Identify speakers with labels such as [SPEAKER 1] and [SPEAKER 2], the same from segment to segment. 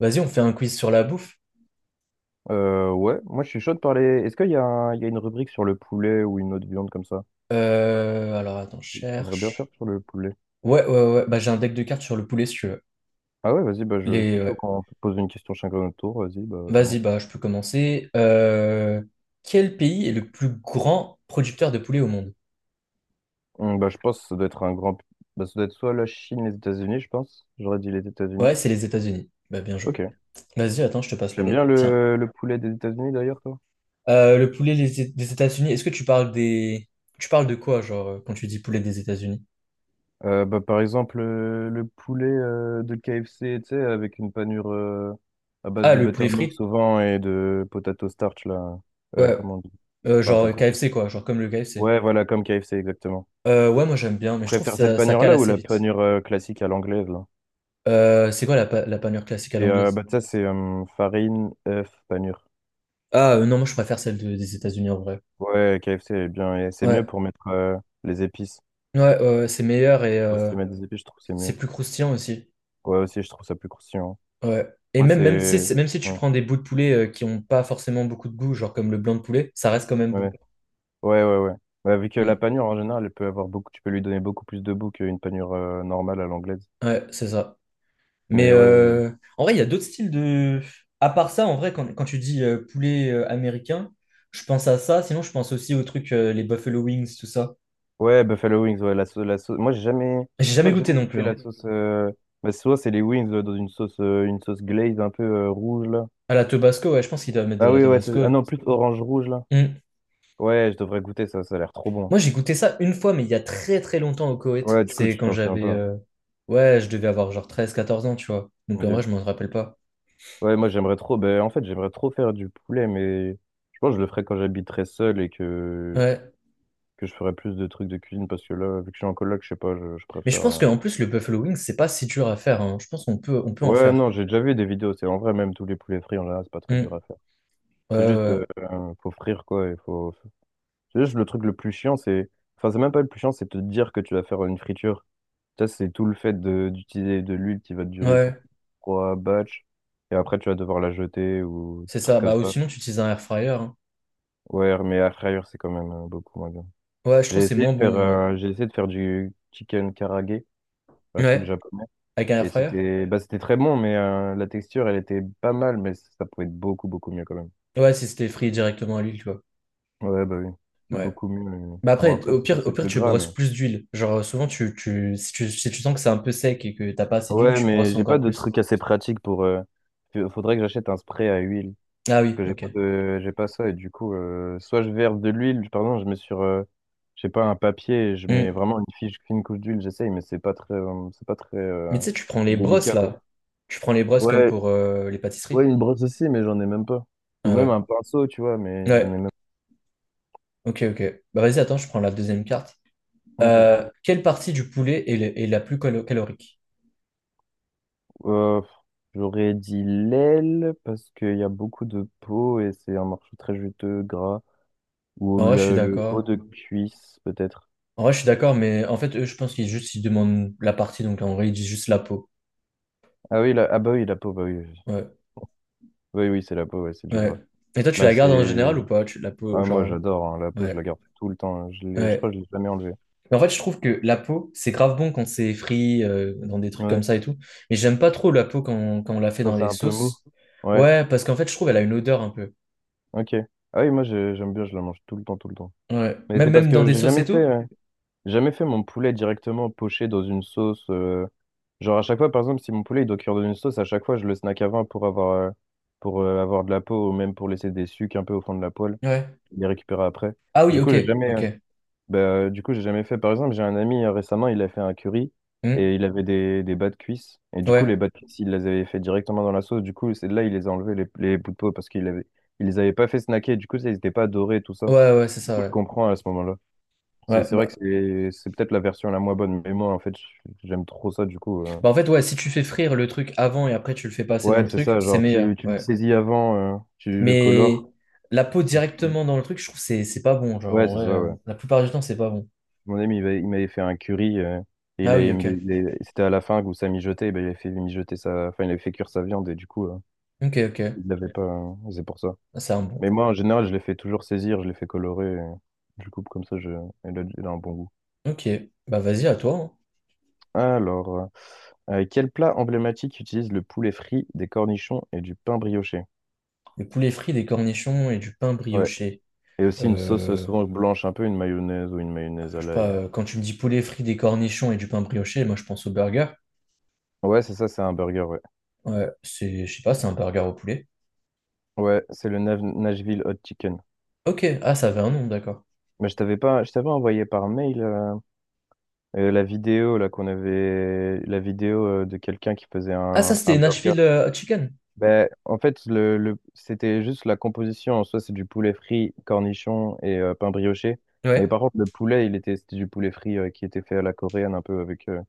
[SPEAKER 1] Vas-y, on fait un quiz sur la bouffe.
[SPEAKER 2] Ouais, moi je suis chaud de parler. Est-ce qu'il y a, il y a une rubrique sur le poulet ou une autre viande comme ça?
[SPEAKER 1] Attends, je
[SPEAKER 2] J'aimerais bien faire
[SPEAKER 1] cherche.
[SPEAKER 2] sur le poulet.
[SPEAKER 1] Ouais, ouais, ouais. Bah, j'ai un deck de cartes sur le poulet, si tu veux.
[SPEAKER 2] Ah ouais, vas-y, bah, je
[SPEAKER 1] Les,
[SPEAKER 2] suis chaud
[SPEAKER 1] ouais.
[SPEAKER 2] quand on peut poser une question chacun à notre tour. Vas-y, bah,
[SPEAKER 1] Vas-y,
[SPEAKER 2] commence.
[SPEAKER 1] bah, je peux commencer. Quel pays est le plus grand producteur de poulet au monde?
[SPEAKER 2] Bah, je pense que ça doit être un grand. Bah, ça doit être soit la Chine, les États-Unis, je pense. J'aurais dit les
[SPEAKER 1] Ouais,
[SPEAKER 2] États-Unis.
[SPEAKER 1] c'est les États-Unis. Bah, bien joué.
[SPEAKER 2] Ok.
[SPEAKER 1] Vas-y, attends, je te passe le
[SPEAKER 2] T'aimes bien
[SPEAKER 1] deck. Tiens.
[SPEAKER 2] le poulet des États-Unis d'ailleurs, toi?
[SPEAKER 1] Le poulet des des États-Unis, est-ce que tu parles des... Tu parles de quoi, genre, quand tu dis poulet des États-Unis?
[SPEAKER 2] Bah, par exemple, le poulet de KFC, tu sais, avec une panure à base
[SPEAKER 1] Ah,
[SPEAKER 2] de
[SPEAKER 1] le poulet
[SPEAKER 2] Buttermix
[SPEAKER 1] frit?
[SPEAKER 2] au vent et de potato starch, là.
[SPEAKER 1] Ouais.
[SPEAKER 2] Comment on dit?
[SPEAKER 1] Euh,
[SPEAKER 2] Enfin, t'as
[SPEAKER 1] genre
[SPEAKER 2] compris.
[SPEAKER 1] KFC, quoi. Genre comme le KFC.
[SPEAKER 2] Ouais, voilà, comme KFC, exactement.
[SPEAKER 1] Ouais, moi, j'aime bien,
[SPEAKER 2] Tu
[SPEAKER 1] mais je trouve que
[SPEAKER 2] préfères cette
[SPEAKER 1] ça cale
[SPEAKER 2] panure-là ou
[SPEAKER 1] assez
[SPEAKER 2] la
[SPEAKER 1] vite.
[SPEAKER 2] panure classique à l'anglaise, là?
[SPEAKER 1] C'est quoi la panure classique à
[SPEAKER 2] C'est,
[SPEAKER 1] l'anglaise?
[SPEAKER 2] bah, ça, c'est farine, œuf, panure.
[SPEAKER 1] Ah non, moi je préfère celle des États-Unis en vrai.
[SPEAKER 2] Ouais, KFC est bien. Et c'est
[SPEAKER 1] Ouais,
[SPEAKER 2] mieux pour mettre les épices.
[SPEAKER 1] ouais, ouais, ouais, c'est meilleur et
[SPEAKER 2] Pour se
[SPEAKER 1] euh,
[SPEAKER 2] mettre des épices, je trouve que c'est
[SPEAKER 1] c'est
[SPEAKER 2] mieux.
[SPEAKER 1] plus croustillant aussi.
[SPEAKER 2] Ouais, aussi, je trouve ça plus croustillant.
[SPEAKER 1] Ouais. Et
[SPEAKER 2] Moi,
[SPEAKER 1] même, même, tu sais,
[SPEAKER 2] c'est.
[SPEAKER 1] c'est- même si tu
[SPEAKER 2] Ouais,
[SPEAKER 1] prends des bouts de poulet qui ont pas forcément beaucoup de goût, genre comme le blanc de poulet, ça reste quand même
[SPEAKER 2] ouais,
[SPEAKER 1] bon.
[SPEAKER 2] ouais, ouais. Ouais. Ouais, bah, vu que la
[SPEAKER 1] Mm.
[SPEAKER 2] panure, en général, elle peut avoir beaucoup... tu peux lui donner beaucoup plus de goût qu'une panure normale à l'anglaise.
[SPEAKER 1] Ouais, c'est ça. Mais
[SPEAKER 2] Mais ouais.
[SPEAKER 1] euh, en vrai, il y a d'autres styles de. À part ça, en vrai, quand tu dis poulet américain, je pense à ça. Sinon, je pense aussi aux trucs, les Buffalo Wings, tout ça.
[SPEAKER 2] Ouais, Buffalo Wings, ouais, la sauce, la sauce. Moi, j'ai jamais,
[SPEAKER 1] J'ai
[SPEAKER 2] je
[SPEAKER 1] jamais
[SPEAKER 2] crois que j'ai
[SPEAKER 1] goûté
[SPEAKER 2] jamais
[SPEAKER 1] non plus,
[SPEAKER 2] goûté la
[SPEAKER 1] hein.
[SPEAKER 2] sauce. Bah, souvent, c'est les wings dans une sauce glaze un peu rouge, là.
[SPEAKER 1] À la Tabasco, ouais, je pense qu'ils doivent mettre de
[SPEAKER 2] Ah
[SPEAKER 1] la
[SPEAKER 2] oui, ouais,
[SPEAKER 1] Tabasco,
[SPEAKER 2] ah
[SPEAKER 1] ouais.
[SPEAKER 2] non, plus orange-rouge, là.
[SPEAKER 1] Mm.
[SPEAKER 2] Ouais, je devrais goûter ça, ça a l'air trop bon.
[SPEAKER 1] Moi, j'ai goûté ça une fois, mais il y a très très longtemps au Koweït.
[SPEAKER 2] Ouais, du coup,
[SPEAKER 1] C'est
[SPEAKER 2] tu
[SPEAKER 1] quand
[SPEAKER 2] t'en fais un peu,
[SPEAKER 1] j'avais...
[SPEAKER 2] hein.
[SPEAKER 1] euh, Ouais, je devais avoir genre treize quatorze ans, tu vois. Donc en
[SPEAKER 2] Ok.
[SPEAKER 1] vrai, je m'en rappelle pas.
[SPEAKER 2] Ouais, moi, j'aimerais trop, ben, en fait, j'aimerais trop faire du poulet, mais je pense que je le ferai quand j'habiterai seul et
[SPEAKER 1] Ouais.
[SPEAKER 2] que je ferai plus de trucs de cuisine parce que là, vu que je suis en coloc, je sais pas, je
[SPEAKER 1] Mais je
[SPEAKER 2] préfère.
[SPEAKER 1] pense
[SPEAKER 2] euh.
[SPEAKER 1] qu'en plus, le buffalo wings c'est pas si dur à faire, hein. Je pense qu'on peut, on peut en
[SPEAKER 2] Ouais,
[SPEAKER 1] faire.
[SPEAKER 2] non, j'ai déjà vu des vidéos, c'est en vrai, même tous les poulets frits, en général, c'est pas très dur à
[SPEAKER 1] Hmm.
[SPEAKER 2] faire.
[SPEAKER 1] Ouais,
[SPEAKER 2] C'est juste,
[SPEAKER 1] ouais.
[SPEAKER 2] faut frire quoi. Il faut... C'est juste le truc le plus chiant, c'est. Enfin, c'est même pas le plus chiant, c'est te dire que tu vas faire une friture. Ça, c'est tout le d'utiliser de, l'huile qui va te
[SPEAKER 1] Ouais,
[SPEAKER 2] durer pour
[SPEAKER 1] Ouais,
[SPEAKER 2] trois batchs. Et après, tu vas devoir la jeter ou des
[SPEAKER 1] c'est
[SPEAKER 2] trucs
[SPEAKER 1] ça.
[SPEAKER 2] comme
[SPEAKER 1] Bah, ou
[SPEAKER 2] ça.
[SPEAKER 1] sinon, tu utilises un air fryer, hein.
[SPEAKER 2] Ouais, mais à frire, c'est quand même beaucoup moins bien.
[SPEAKER 1] Ouais, je trouve que c'est moins bon, ouais.
[SPEAKER 2] J'ai essayé de faire du chicken karage, un truc
[SPEAKER 1] Ouais,
[SPEAKER 2] japonais.
[SPEAKER 1] avec un air fryer?
[SPEAKER 2] C'était très bon, mais la texture, elle était pas mal, mais ça pouvait être beaucoup mieux quand même.
[SPEAKER 1] Ouais, si c'était frit directement à l'huile, tu vois.
[SPEAKER 2] Ouais, bah oui, c'est
[SPEAKER 1] Ouais.
[SPEAKER 2] beaucoup mieux.
[SPEAKER 1] Bah
[SPEAKER 2] Bon,
[SPEAKER 1] après,
[SPEAKER 2] après, c'est sûr,
[SPEAKER 1] au
[SPEAKER 2] c'est
[SPEAKER 1] pire,
[SPEAKER 2] plus
[SPEAKER 1] tu
[SPEAKER 2] gras,
[SPEAKER 1] brosses
[SPEAKER 2] mais.
[SPEAKER 1] plus d'huile. Genre, souvent, si tu sens que c'est un peu sec et que t'as pas assez d'huile,
[SPEAKER 2] Ouais,
[SPEAKER 1] tu
[SPEAKER 2] mais
[SPEAKER 1] brosses
[SPEAKER 2] j'ai pas
[SPEAKER 1] encore
[SPEAKER 2] de
[SPEAKER 1] plus.
[SPEAKER 2] truc assez pratique pour. Faudrait que j'achète un spray à huile.
[SPEAKER 1] Ah
[SPEAKER 2] Parce
[SPEAKER 1] oui,
[SPEAKER 2] que j'ai
[SPEAKER 1] ok.
[SPEAKER 2] pas de... j'ai pas ça. Et du coup, soit je verse de l'huile, pardon, je mets sur, je sais pas, un papier et je mets
[SPEAKER 1] Mm.
[SPEAKER 2] vraiment une fiche, une couche d'huile, j'essaye, mais c'est pas très
[SPEAKER 1] Mais tu sais, tu prends les brosses
[SPEAKER 2] délicat, quoi.
[SPEAKER 1] là. Tu prends les brosses comme
[SPEAKER 2] Ouais,
[SPEAKER 1] pour les
[SPEAKER 2] ouais,
[SPEAKER 1] pâtisseries.
[SPEAKER 2] une brosse aussi, mais j'en ai même pas. Ou
[SPEAKER 1] Ah
[SPEAKER 2] même
[SPEAKER 1] ouais.
[SPEAKER 2] un pinceau, tu vois, mais j'en ai
[SPEAKER 1] Ouais.
[SPEAKER 2] même
[SPEAKER 1] Ok, ok. Bah vas-y, attends, je prends la deuxième carte.
[SPEAKER 2] Ok.
[SPEAKER 1] Quelle partie du poulet est la plus calorique?
[SPEAKER 2] Euh, j'aurais dit l'aile parce qu'il y a beaucoup de peau et c'est un morceau très juteux, gras. Ou
[SPEAKER 1] En vrai, je suis
[SPEAKER 2] le haut
[SPEAKER 1] d'accord.
[SPEAKER 2] de cuisse, peut-être.
[SPEAKER 1] En vrai, je suis d'accord, mais en fait, eux, je pense qu'ils juste ils demandent la partie, donc en vrai, ils disent juste la peau.
[SPEAKER 2] Ah oui, la... ah bah oui, la peau, bah oui. Oui,
[SPEAKER 1] Ouais.
[SPEAKER 2] oui, oui, c'est la peau, ouais, c'est du
[SPEAKER 1] Ouais.
[SPEAKER 2] gras.
[SPEAKER 1] Et toi, tu
[SPEAKER 2] Bah
[SPEAKER 1] la gardes en
[SPEAKER 2] c'est.
[SPEAKER 1] général ou pas? Tu, la peau,
[SPEAKER 2] Ah, moi
[SPEAKER 1] genre.
[SPEAKER 2] j'adore, hein, la peau,
[SPEAKER 1] Ouais.
[SPEAKER 2] je la garde tout le temps, hein. Je l'ai... je crois
[SPEAKER 1] Ouais.
[SPEAKER 2] que je l'ai jamais enlevée.
[SPEAKER 1] Mais en fait, je trouve que la peau, c'est grave bon quand c'est frit, dans des trucs comme
[SPEAKER 2] Ouais.
[SPEAKER 1] ça et tout. Mais j'aime pas trop la peau quand on la fait
[SPEAKER 2] Quand
[SPEAKER 1] dans
[SPEAKER 2] c'est
[SPEAKER 1] des
[SPEAKER 2] un peu mou.
[SPEAKER 1] sauces.
[SPEAKER 2] Ouais,
[SPEAKER 1] Ouais, parce qu'en fait, je trouve elle a une odeur un peu.
[SPEAKER 2] ok. Ah oui, j'aime bien, je la mange tout le temps, tout le temps.
[SPEAKER 1] Ouais.
[SPEAKER 2] Mais
[SPEAKER 1] Même,
[SPEAKER 2] c'est parce
[SPEAKER 1] même dans
[SPEAKER 2] que
[SPEAKER 1] des sauces et tout.
[SPEAKER 2] j'ai jamais fait mon poulet directement poché dans une sauce. Genre à chaque fois, par exemple, si mon poulet il doit cuire dans une sauce, à chaque fois je le snack avant pour avoir de la peau ou même pour laisser des sucs un peu au fond de la poêle,
[SPEAKER 1] Ouais.
[SPEAKER 2] les récupérer après.
[SPEAKER 1] Ah oui,
[SPEAKER 2] Du coup,
[SPEAKER 1] ok,
[SPEAKER 2] j'ai jamais,
[SPEAKER 1] ok.
[SPEAKER 2] bah du coup, j'ai jamais fait. Par exemple, j'ai un ami récemment, il a fait un curry
[SPEAKER 1] Hmm.
[SPEAKER 2] et il avait des bas de cuisse. Et du coup, les
[SPEAKER 1] Ouais,
[SPEAKER 2] bas de cuisse, il les avait fait directement dans la sauce. Du coup, c'est de là, il les a enlevés, les bouts de peau, parce qu'il avait, il les avait pas fait snacker. Du coup, ça, ils étaient pas dorés, tout ça.
[SPEAKER 1] ouais, ouais, c'est ça,
[SPEAKER 2] Je
[SPEAKER 1] ouais.
[SPEAKER 2] comprends à ce moment-là. C'est
[SPEAKER 1] Ouais,
[SPEAKER 2] vrai que
[SPEAKER 1] bah,
[SPEAKER 2] c'est peut-être la version la moins bonne. Mais moi, en fait, j'aime trop ça, du coup.
[SPEAKER 1] bah en fait, ouais, si tu fais frire le truc avant et après tu le fais passer dans
[SPEAKER 2] Ouais,
[SPEAKER 1] le
[SPEAKER 2] c'est
[SPEAKER 1] truc,
[SPEAKER 2] ça.
[SPEAKER 1] c'est
[SPEAKER 2] Genre,
[SPEAKER 1] meilleur,
[SPEAKER 2] tu le
[SPEAKER 1] ouais.
[SPEAKER 2] saisis avant, tu le
[SPEAKER 1] Mais
[SPEAKER 2] colores.
[SPEAKER 1] la peau
[SPEAKER 2] Et tu...
[SPEAKER 1] directement dans le truc, je trouve que c'est pas bon, genre,
[SPEAKER 2] Ouais,
[SPEAKER 1] en
[SPEAKER 2] c'est
[SPEAKER 1] vrai,
[SPEAKER 2] ça, ouais.
[SPEAKER 1] la plupart du temps, c'est pas bon.
[SPEAKER 2] Mon ami, il m'avait fait un curry. Et
[SPEAKER 1] Ah oui, ok.
[SPEAKER 2] c'était à la fin que ça mijotait. Ben, il avait fait mijoter sa, enfin, il avait fait cuire sa viande. Et du coup,
[SPEAKER 1] Ok, ok.
[SPEAKER 2] il l'avait pas. Euh, c'est pour ça.
[SPEAKER 1] Ah, c'est un bon.
[SPEAKER 2] Mais moi, en général, je les fais toujours saisir. Je les fais colorer. Euh, je le coupe comme ça. Il a, elle a un bon goût.
[SPEAKER 1] Ok, bah vas-y, à toi, hein.
[SPEAKER 2] Alors, quel plat emblématique utilise le poulet frit, des cornichons et du pain brioché?
[SPEAKER 1] Des poulets frits, des cornichons et du pain
[SPEAKER 2] Ouais.
[SPEAKER 1] brioché.
[SPEAKER 2] Et aussi une sauce
[SPEAKER 1] Euh,
[SPEAKER 2] souvent blanche, un peu une mayonnaise ou une mayonnaise à
[SPEAKER 1] je sais pas,
[SPEAKER 2] l'ail.
[SPEAKER 1] quand tu me dis poulet frit, des cornichons et du pain brioché, moi je pense au burger.
[SPEAKER 2] Ouais, c'est ça, c'est un burger, ouais.
[SPEAKER 1] Ouais, c'est, je sais pas, c'est un burger au poulet.
[SPEAKER 2] Ouais, c'est le Nashville Hot Chicken.
[SPEAKER 1] Ok, ah, ça avait un nom, d'accord.
[SPEAKER 2] Mais je t'avais pas, je t'avais envoyé par mail la vidéo là qu'on avait, la vidéo de quelqu'un qui faisait
[SPEAKER 1] Ah, ça
[SPEAKER 2] un
[SPEAKER 1] c'était
[SPEAKER 2] burger.
[SPEAKER 1] Nashville Hot Chicken.
[SPEAKER 2] Ben, en fait, c'était juste la composition en soi, c'est du poulet frit, cornichon et pain brioché. Mais
[SPEAKER 1] Ouais,
[SPEAKER 2] par contre, le poulet, c'était du poulet frit qui était fait à la coréenne un peu avec,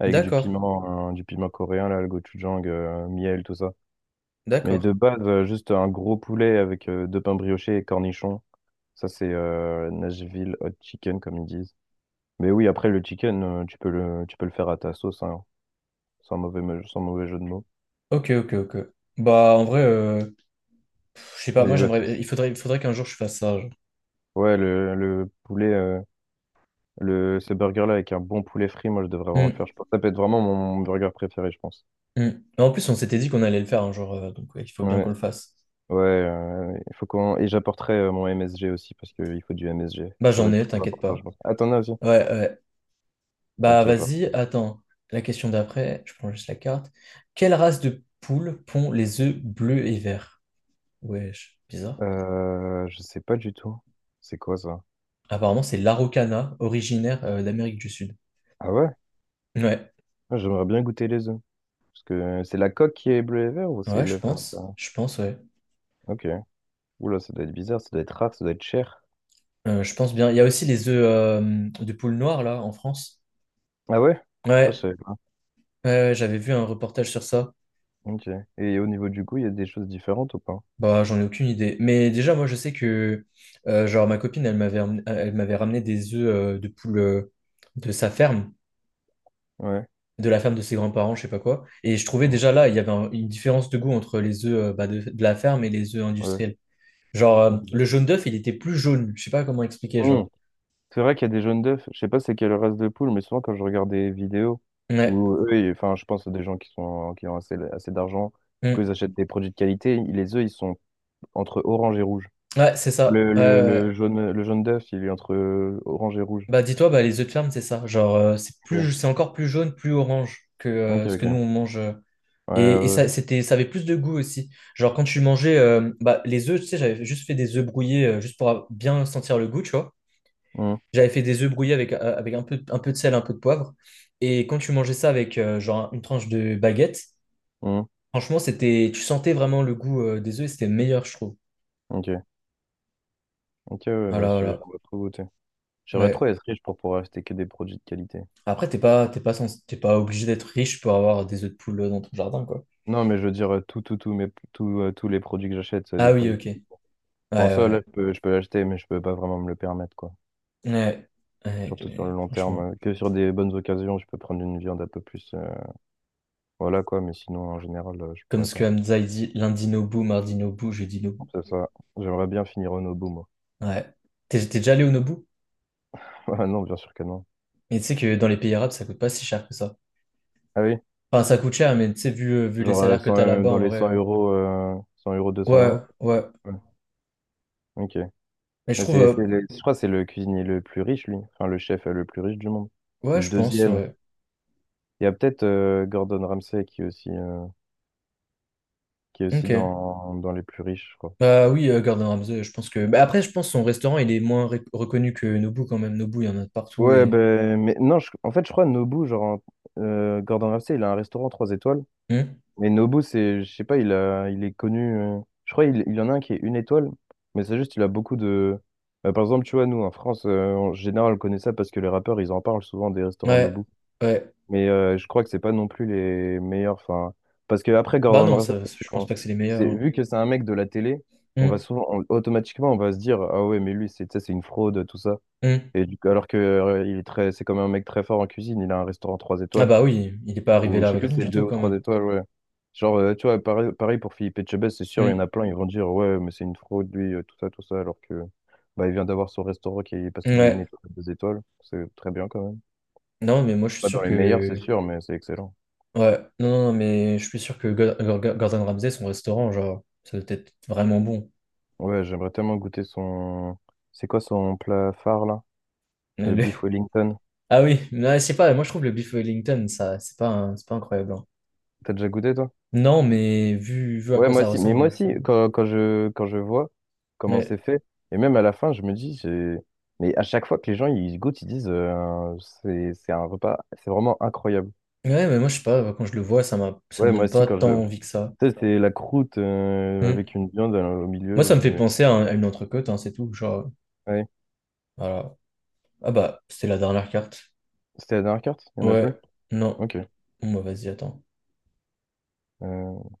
[SPEAKER 2] avec du
[SPEAKER 1] d'accord,
[SPEAKER 2] piment, hein, du piment coréen là, le gochujang, miel, tout ça. Mais de
[SPEAKER 1] d'accord.
[SPEAKER 2] base, juste un gros poulet avec deux pains briochés et cornichons. Ça, c'est Nashville hot chicken comme ils disent. Mais oui, après le chicken, tu peux le faire à ta sauce, hein. Sans sans mauvais jeu de mots.
[SPEAKER 1] Ok, ok, ok. Bah, en vrai, pff, je sais pas, moi
[SPEAKER 2] Et
[SPEAKER 1] j'aimerais, il faudrait qu'un jour je fasse ça, genre.
[SPEAKER 2] ouais, le poulet, ce burger-là avec un bon poulet frit, moi je devrais vraiment le faire.
[SPEAKER 1] Hum,
[SPEAKER 2] Je pense. Ça peut être vraiment mon burger préféré, je pense.
[SPEAKER 1] Mais en plus, on s'était dit qu'on allait le faire un jour, donc ouais, il faut bien qu'on
[SPEAKER 2] Ouais,
[SPEAKER 1] le fasse.
[SPEAKER 2] ouais, il faut qu'on... Et j'apporterai mon MSG aussi, parce qu'il faut du MSG.
[SPEAKER 1] Bah,
[SPEAKER 2] Ça va
[SPEAKER 1] j'en
[SPEAKER 2] être
[SPEAKER 1] ai,
[SPEAKER 2] très
[SPEAKER 1] t'inquiète
[SPEAKER 2] important, je
[SPEAKER 1] pas.
[SPEAKER 2] pense. Ah, t'en as aussi?
[SPEAKER 1] Ouais, ouais. Bah
[SPEAKER 2] Ok, parfait.
[SPEAKER 1] vas-y, attends. La question d'après, je prends juste la carte. Quelle race de poule pond les œufs bleus et verts? Wesh, bizarre.
[SPEAKER 2] Je sais pas du tout. C'est quoi ça?
[SPEAKER 1] Apparemment, c'est l'Araucana, originaire d'Amérique du Sud.
[SPEAKER 2] Ah ouais?
[SPEAKER 1] Ouais,
[SPEAKER 2] Ah, j'aimerais bien goûter les œufs. Parce que c'est la coque qui est bleu et vert ou c'est
[SPEAKER 1] ouais, je
[SPEAKER 2] le...
[SPEAKER 1] pense. Je pense, ouais.
[SPEAKER 2] Ok. Oula, ça doit être bizarre, ça doit être rare, ça doit être cher.
[SPEAKER 1] Je pense bien. Il y a aussi les œufs de poule noire, là, en France.
[SPEAKER 2] Ah ouais? Ça, je
[SPEAKER 1] Ouais,
[SPEAKER 2] savais pas.
[SPEAKER 1] ouais, ouais, j'avais vu un reportage sur ça.
[SPEAKER 2] Ok. Et au niveau du goût, il y a des choses différentes ou pas?
[SPEAKER 1] Bah, j'en ai aucune idée. Mais déjà, moi, je sais que, genre, ma copine, elle m'avait ramené des œufs de poule de sa ferme.
[SPEAKER 2] Ouais.
[SPEAKER 1] De la ferme de ses grands-parents, je sais pas quoi. Et je trouvais
[SPEAKER 2] Ouais.
[SPEAKER 1] déjà là, il y avait une différence de goût entre les œufs bah, de la ferme et les œufs
[SPEAKER 2] Ouais.
[SPEAKER 1] industriels. Genre,
[SPEAKER 2] Ok.
[SPEAKER 1] le jaune d'œuf, il était plus jaune. Je sais pas comment expliquer, genre.
[SPEAKER 2] Hmm. C'est vrai qu'il y a des jaunes d'œufs. Je sais pas c'est quelle race de poule, mais souvent quand je regarde des vidéos où
[SPEAKER 1] Ouais,
[SPEAKER 2] enfin, je pense à des gens qui sont qui ont assez d'argent, du coup ils
[SPEAKER 1] Mm.
[SPEAKER 2] achètent des produits de qualité. Les œufs, ils sont entre orange et rouge.
[SPEAKER 1] Ouais, c'est ça. Ouais, ouais, ouais.
[SPEAKER 2] Le jaune d'œuf, il est entre orange et rouge.
[SPEAKER 1] Bah, dis-toi, bah, les œufs de ferme, c'est ça. Genre, c'est plus,
[SPEAKER 2] Ok,
[SPEAKER 1] c'est encore plus jaune, plus orange que
[SPEAKER 2] ok.
[SPEAKER 1] ce que nous, on
[SPEAKER 2] Ok.
[SPEAKER 1] mange.
[SPEAKER 2] Ouais,
[SPEAKER 1] Et
[SPEAKER 2] ouais.
[SPEAKER 1] ça, c'était, ça avait plus de goût aussi. Genre, quand tu mangeais bah, les œufs, tu sais, j'avais juste fait des œufs brouillés juste pour bien sentir le goût, tu vois.
[SPEAKER 2] Ouais.
[SPEAKER 1] J'avais fait des œufs brouillés avec, avec un peu de sel, un peu de poivre. Et quand tu mangeais ça avec genre une tranche de baguette,
[SPEAKER 2] Hmm. Hmm.
[SPEAKER 1] franchement, c'était, tu sentais vraiment le goût des œufs et c'était meilleur, je trouve.
[SPEAKER 2] Ok. Ok, ouais, ouais,
[SPEAKER 1] Voilà, voilà.
[SPEAKER 2] j'aimerais trop goûter. J'aimerais trop
[SPEAKER 1] Ouais.
[SPEAKER 2] être riche pour pouvoir acheter que des produits de qualité.
[SPEAKER 1] Après, t'es pas, t'es pas obligé d'être riche pour avoir des œufs de poule dans ton jardin, quoi.
[SPEAKER 2] Non, mais je veux dire, tout, tous les produits que j'achète, c'est
[SPEAKER 1] Ah
[SPEAKER 2] des
[SPEAKER 1] oui,
[SPEAKER 2] produits
[SPEAKER 1] ok. Ouais,
[SPEAKER 2] typiques. Enfin, ça, là,
[SPEAKER 1] ouais,
[SPEAKER 2] je peux l'acheter, mais je peux pas vraiment me le permettre, quoi.
[SPEAKER 1] ouais. Ouais, tu-
[SPEAKER 2] Surtout sur le long terme.
[SPEAKER 1] franchement.
[SPEAKER 2] Euh, que sur des bonnes occasions, je peux prendre une viande un peu plus. Euh, voilà, quoi. Mais sinon, en général, je
[SPEAKER 1] Comme
[SPEAKER 2] pourrais
[SPEAKER 1] ce que
[SPEAKER 2] pas.
[SPEAKER 1] Hamza il dit, lundi Nobu, mardi Nobu, jeudi Nobu.
[SPEAKER 2] C'est ça. J'aimerais bien finir au Nobu, moi.
[SPEAKER 1] Ouais. T'es t'es déjà allé au Nobu?
[SPEAKER 2] Ah non, bien sûr que non.
[SPEAKER 1] Et tu sais que dans les pays arabes, ça coûte pas si cher que ça.
[SPEAKER 2] Ah oui?
[SPEAKER 1] Enfin, ça coûte cher, mais tu sais, vu, vu les
[SPEAKER 2] Genre,
[SPEAKER 1] salaires que
[SPEAKER 2] 100,
[SPEAKER 1] t'as là-bas,
[SPEAKER 2] dans
[SPEAKER 1] en
[SPEAKER 2] les 100
[SPEAKER 1] vrai.
[SPEAKER 2] euros, 100 euros, 200
[SPEAKER 1] Ouais,
[SPEAKER 2] euros?
[SPEAKER 1] ouais.
[SPEAKER 2] Ouais. Ok.
[SPEAKER 1] Mais je
[SPEAKER 2] Mais
[SPEAKER 1] trouve,
[SPEAKER 2] c'est le- je crois que c'est le cuisinier le plus riche, lui. Enfin, le chef le plus riche du monde. Ou
[SPEAKER 1] ouais,
[SPEAKER 2] le
[SPEAKER 1] je pense,
[SPEAKER 2] deuxième.
[SPEAKER 1] ouais.
[SPEAKER 2] Il y a peut-être Gordon Ramsay qui est aussi. Euh, qui est aussi
[SPEAKER 1] Ok.
[SPEAKER 2] dans, dans les plus riches, je crois.
[SPEAKER 1] Bah oui, Gordon Ramsay, je pense que. Bah, après, je pense son restaurant, il est moins reconnu que Nobu quand même. Nobu, il y en a de partout
[SPEAKER 2] Ouais,
[SPEAKER 1] et.
[SPEAKER 2] ben, mais non, je- en fait, je crois Nobu, genre, Gordon Ramsay, il a un restaurant 3 étoiles.
[SPEAKER 1] Hmm.
[SPEAKER 2] Mais Nobu, c'est, je sais pas, il est connu. Euh, je crois il y en a un qui est une étoile, mais c'est juste, il a beaucoup de. Bah, par exemple, tu vois, nous, en France, en général, on connaît ça parce que les rappeurs, ils en parlent souvent des restaurants
[SPEAKER 1] Ouais,
[SPEAKER 2] Nobu.
[SPEAKER 1] ouais.
[SPEAKER 2] Mais je crois que c'est pas non plus les meilleurs. Enfin, parce que après,
[SPEAKER 1] Bah
[SPEAKER 2] Gordon
[SPEAKER 1] non,
[SPEAKER 2] Ramsay,
[SPEAKER 1] ça- je pense pas que c'est les meilleurs, hein.
[SPEAKER 2] vu que c'est un mec de la télé, on va souvent, automatiquement, on va se dire, ah ouais, mais lui, c'est, tu sais, c'est une fraude, tout ça.
[SPEAKER 1] Hmm, hmm.
[SPEAKER 2] Et du coup, alors que il est très, c'est comme un mec très fort en cuisine, il a un restaurant 3
[SPEAKER 1] Ah
[SPEAKER 2] étoiles,
[SPEAKER 1] bah oui, il est pas arrivé
[SPEAKER 2] ou
[SPEAKER 1] là
[SPEAKER 2] je sais
[SPEAKER 1] avec
[SPEAKER 2] plus,
[SPEAKER 1] rien
[SPEAKER 2] c'est
[SPEAKER 1] du
[SPEAKER 2] 2
[SPEAKER 1] tout
[SPEAKER 2] ou
[SPEAKER 1] quand
[SPEAKER 2] 3
[SPEAKER 1] même.
[SPEAKER 2] étoiles, ouais. Genre, tu vois, pareil pour Philippe Etchebest, c'est sûr, il y en
[SPEAKER 1] Hmm,
[SPEAKER 2] a plein, ils vont dire, ouais, mais c'est une fraude, lui, tout ça, alors que bah, il vient d'avoir son restaurant qui est passé de une
[SPEAKER 1] Ouais.
[SPEAKER 2] étoile à 2 étoiles, c'est très bien quand même.
[SPEAKER 1] Non, mais moi, je suis
[SPEAKER 2] Pas dans
[SPEAKER 1] sûr
[SPEAKER 2] les meilleurs, c'est
[SPEAKER 1] que.
[SPEAKER 2] sûr, mais c'est excellent.
[SPEAKER 1] Ouais. Non, non, non, mais je suis sûr que Gordon Ramsay, son restaurant, genre, ça doit être vraiment bon.
[SPEAKER 2] Ouais, j'aimerais tellement goûter son. C'est quoi son plat phare là? Le beef Wellington.
[SPEAKER 1] Ah oui, mais c'est pas, moi je trouve le beef Wellington, ça, c'est pas, c'est pas incroyable, hein.
[SPEAKER 2] T'as déjà goûté toi?
[SPEAKER 1] Non, mais vu, vu à
[SPEAKER 2] Ouais,
[SPEAKER 1] quoi
[SPEAKER 2] moi
[SPEAKER 1] ça
[SPEAKER 2] aussi. Mais
[SPEAKER 1] ressemble, hein,
[SPEAKER 2] moi
[SPEAKER 1] je sais
[SPEAKER 2] aussi,
[SPEAKER 1] pas.
[SPEAKER 2] quand je vois comment c'est
[SPEAKER 1] Ouais.
[SPEAKER 2] fait, et même à la fin, je me dis, j'ai... mais à chaque fois que les gens ils goûtent, ils disent, c'est un repas, c'est vraiment incroyable.
[SPEAKER 1] Ouais, mais moi je sais pas, bah, quand je le vois, ça m'a, ça me
[SPEAKER 2] Ouais, moi
[SPEAKER 1] donne
[SPEAKER 2] aussi,
[SPEAKER 1] pas
[SPEAKER 2] quand
[SPEAKER 1] tant
[SPEAKER 2] je. Tu
[SPEAKER 1] envie que ça.
[SPEAKER 2] sais, c'est la croûte
[SPEAKER 1] Hmm.
[SPEAKER 2] avec une viande au
[SPEAKER 1] Moi ça
[SPEAKER 2] milieu.
[SPEAKER 1] me
[SPEAKER 2] Euh,
[SPEAKER 1] fait
[SPEAKER 2] mais...
[SPEAKER 1] penser à, à une entrecôte, hein, c'est tout. Genre,
[SPEAKER 2] Ouais.
[SPEAKER 1] voilà. Ah bah, c'était la dernière carte.
[SPEAKER 2] C'était la dernière carte? Il n'y en a
[SPEAKER 1] Ouais,
[SPEAKER 2] plus?
[SPEAKER 1] non.
[SPEAKER 2] Ok.
[SPEAKER 1] Bon, bah vas-y, attends.
[SPEAKER 2] Euh,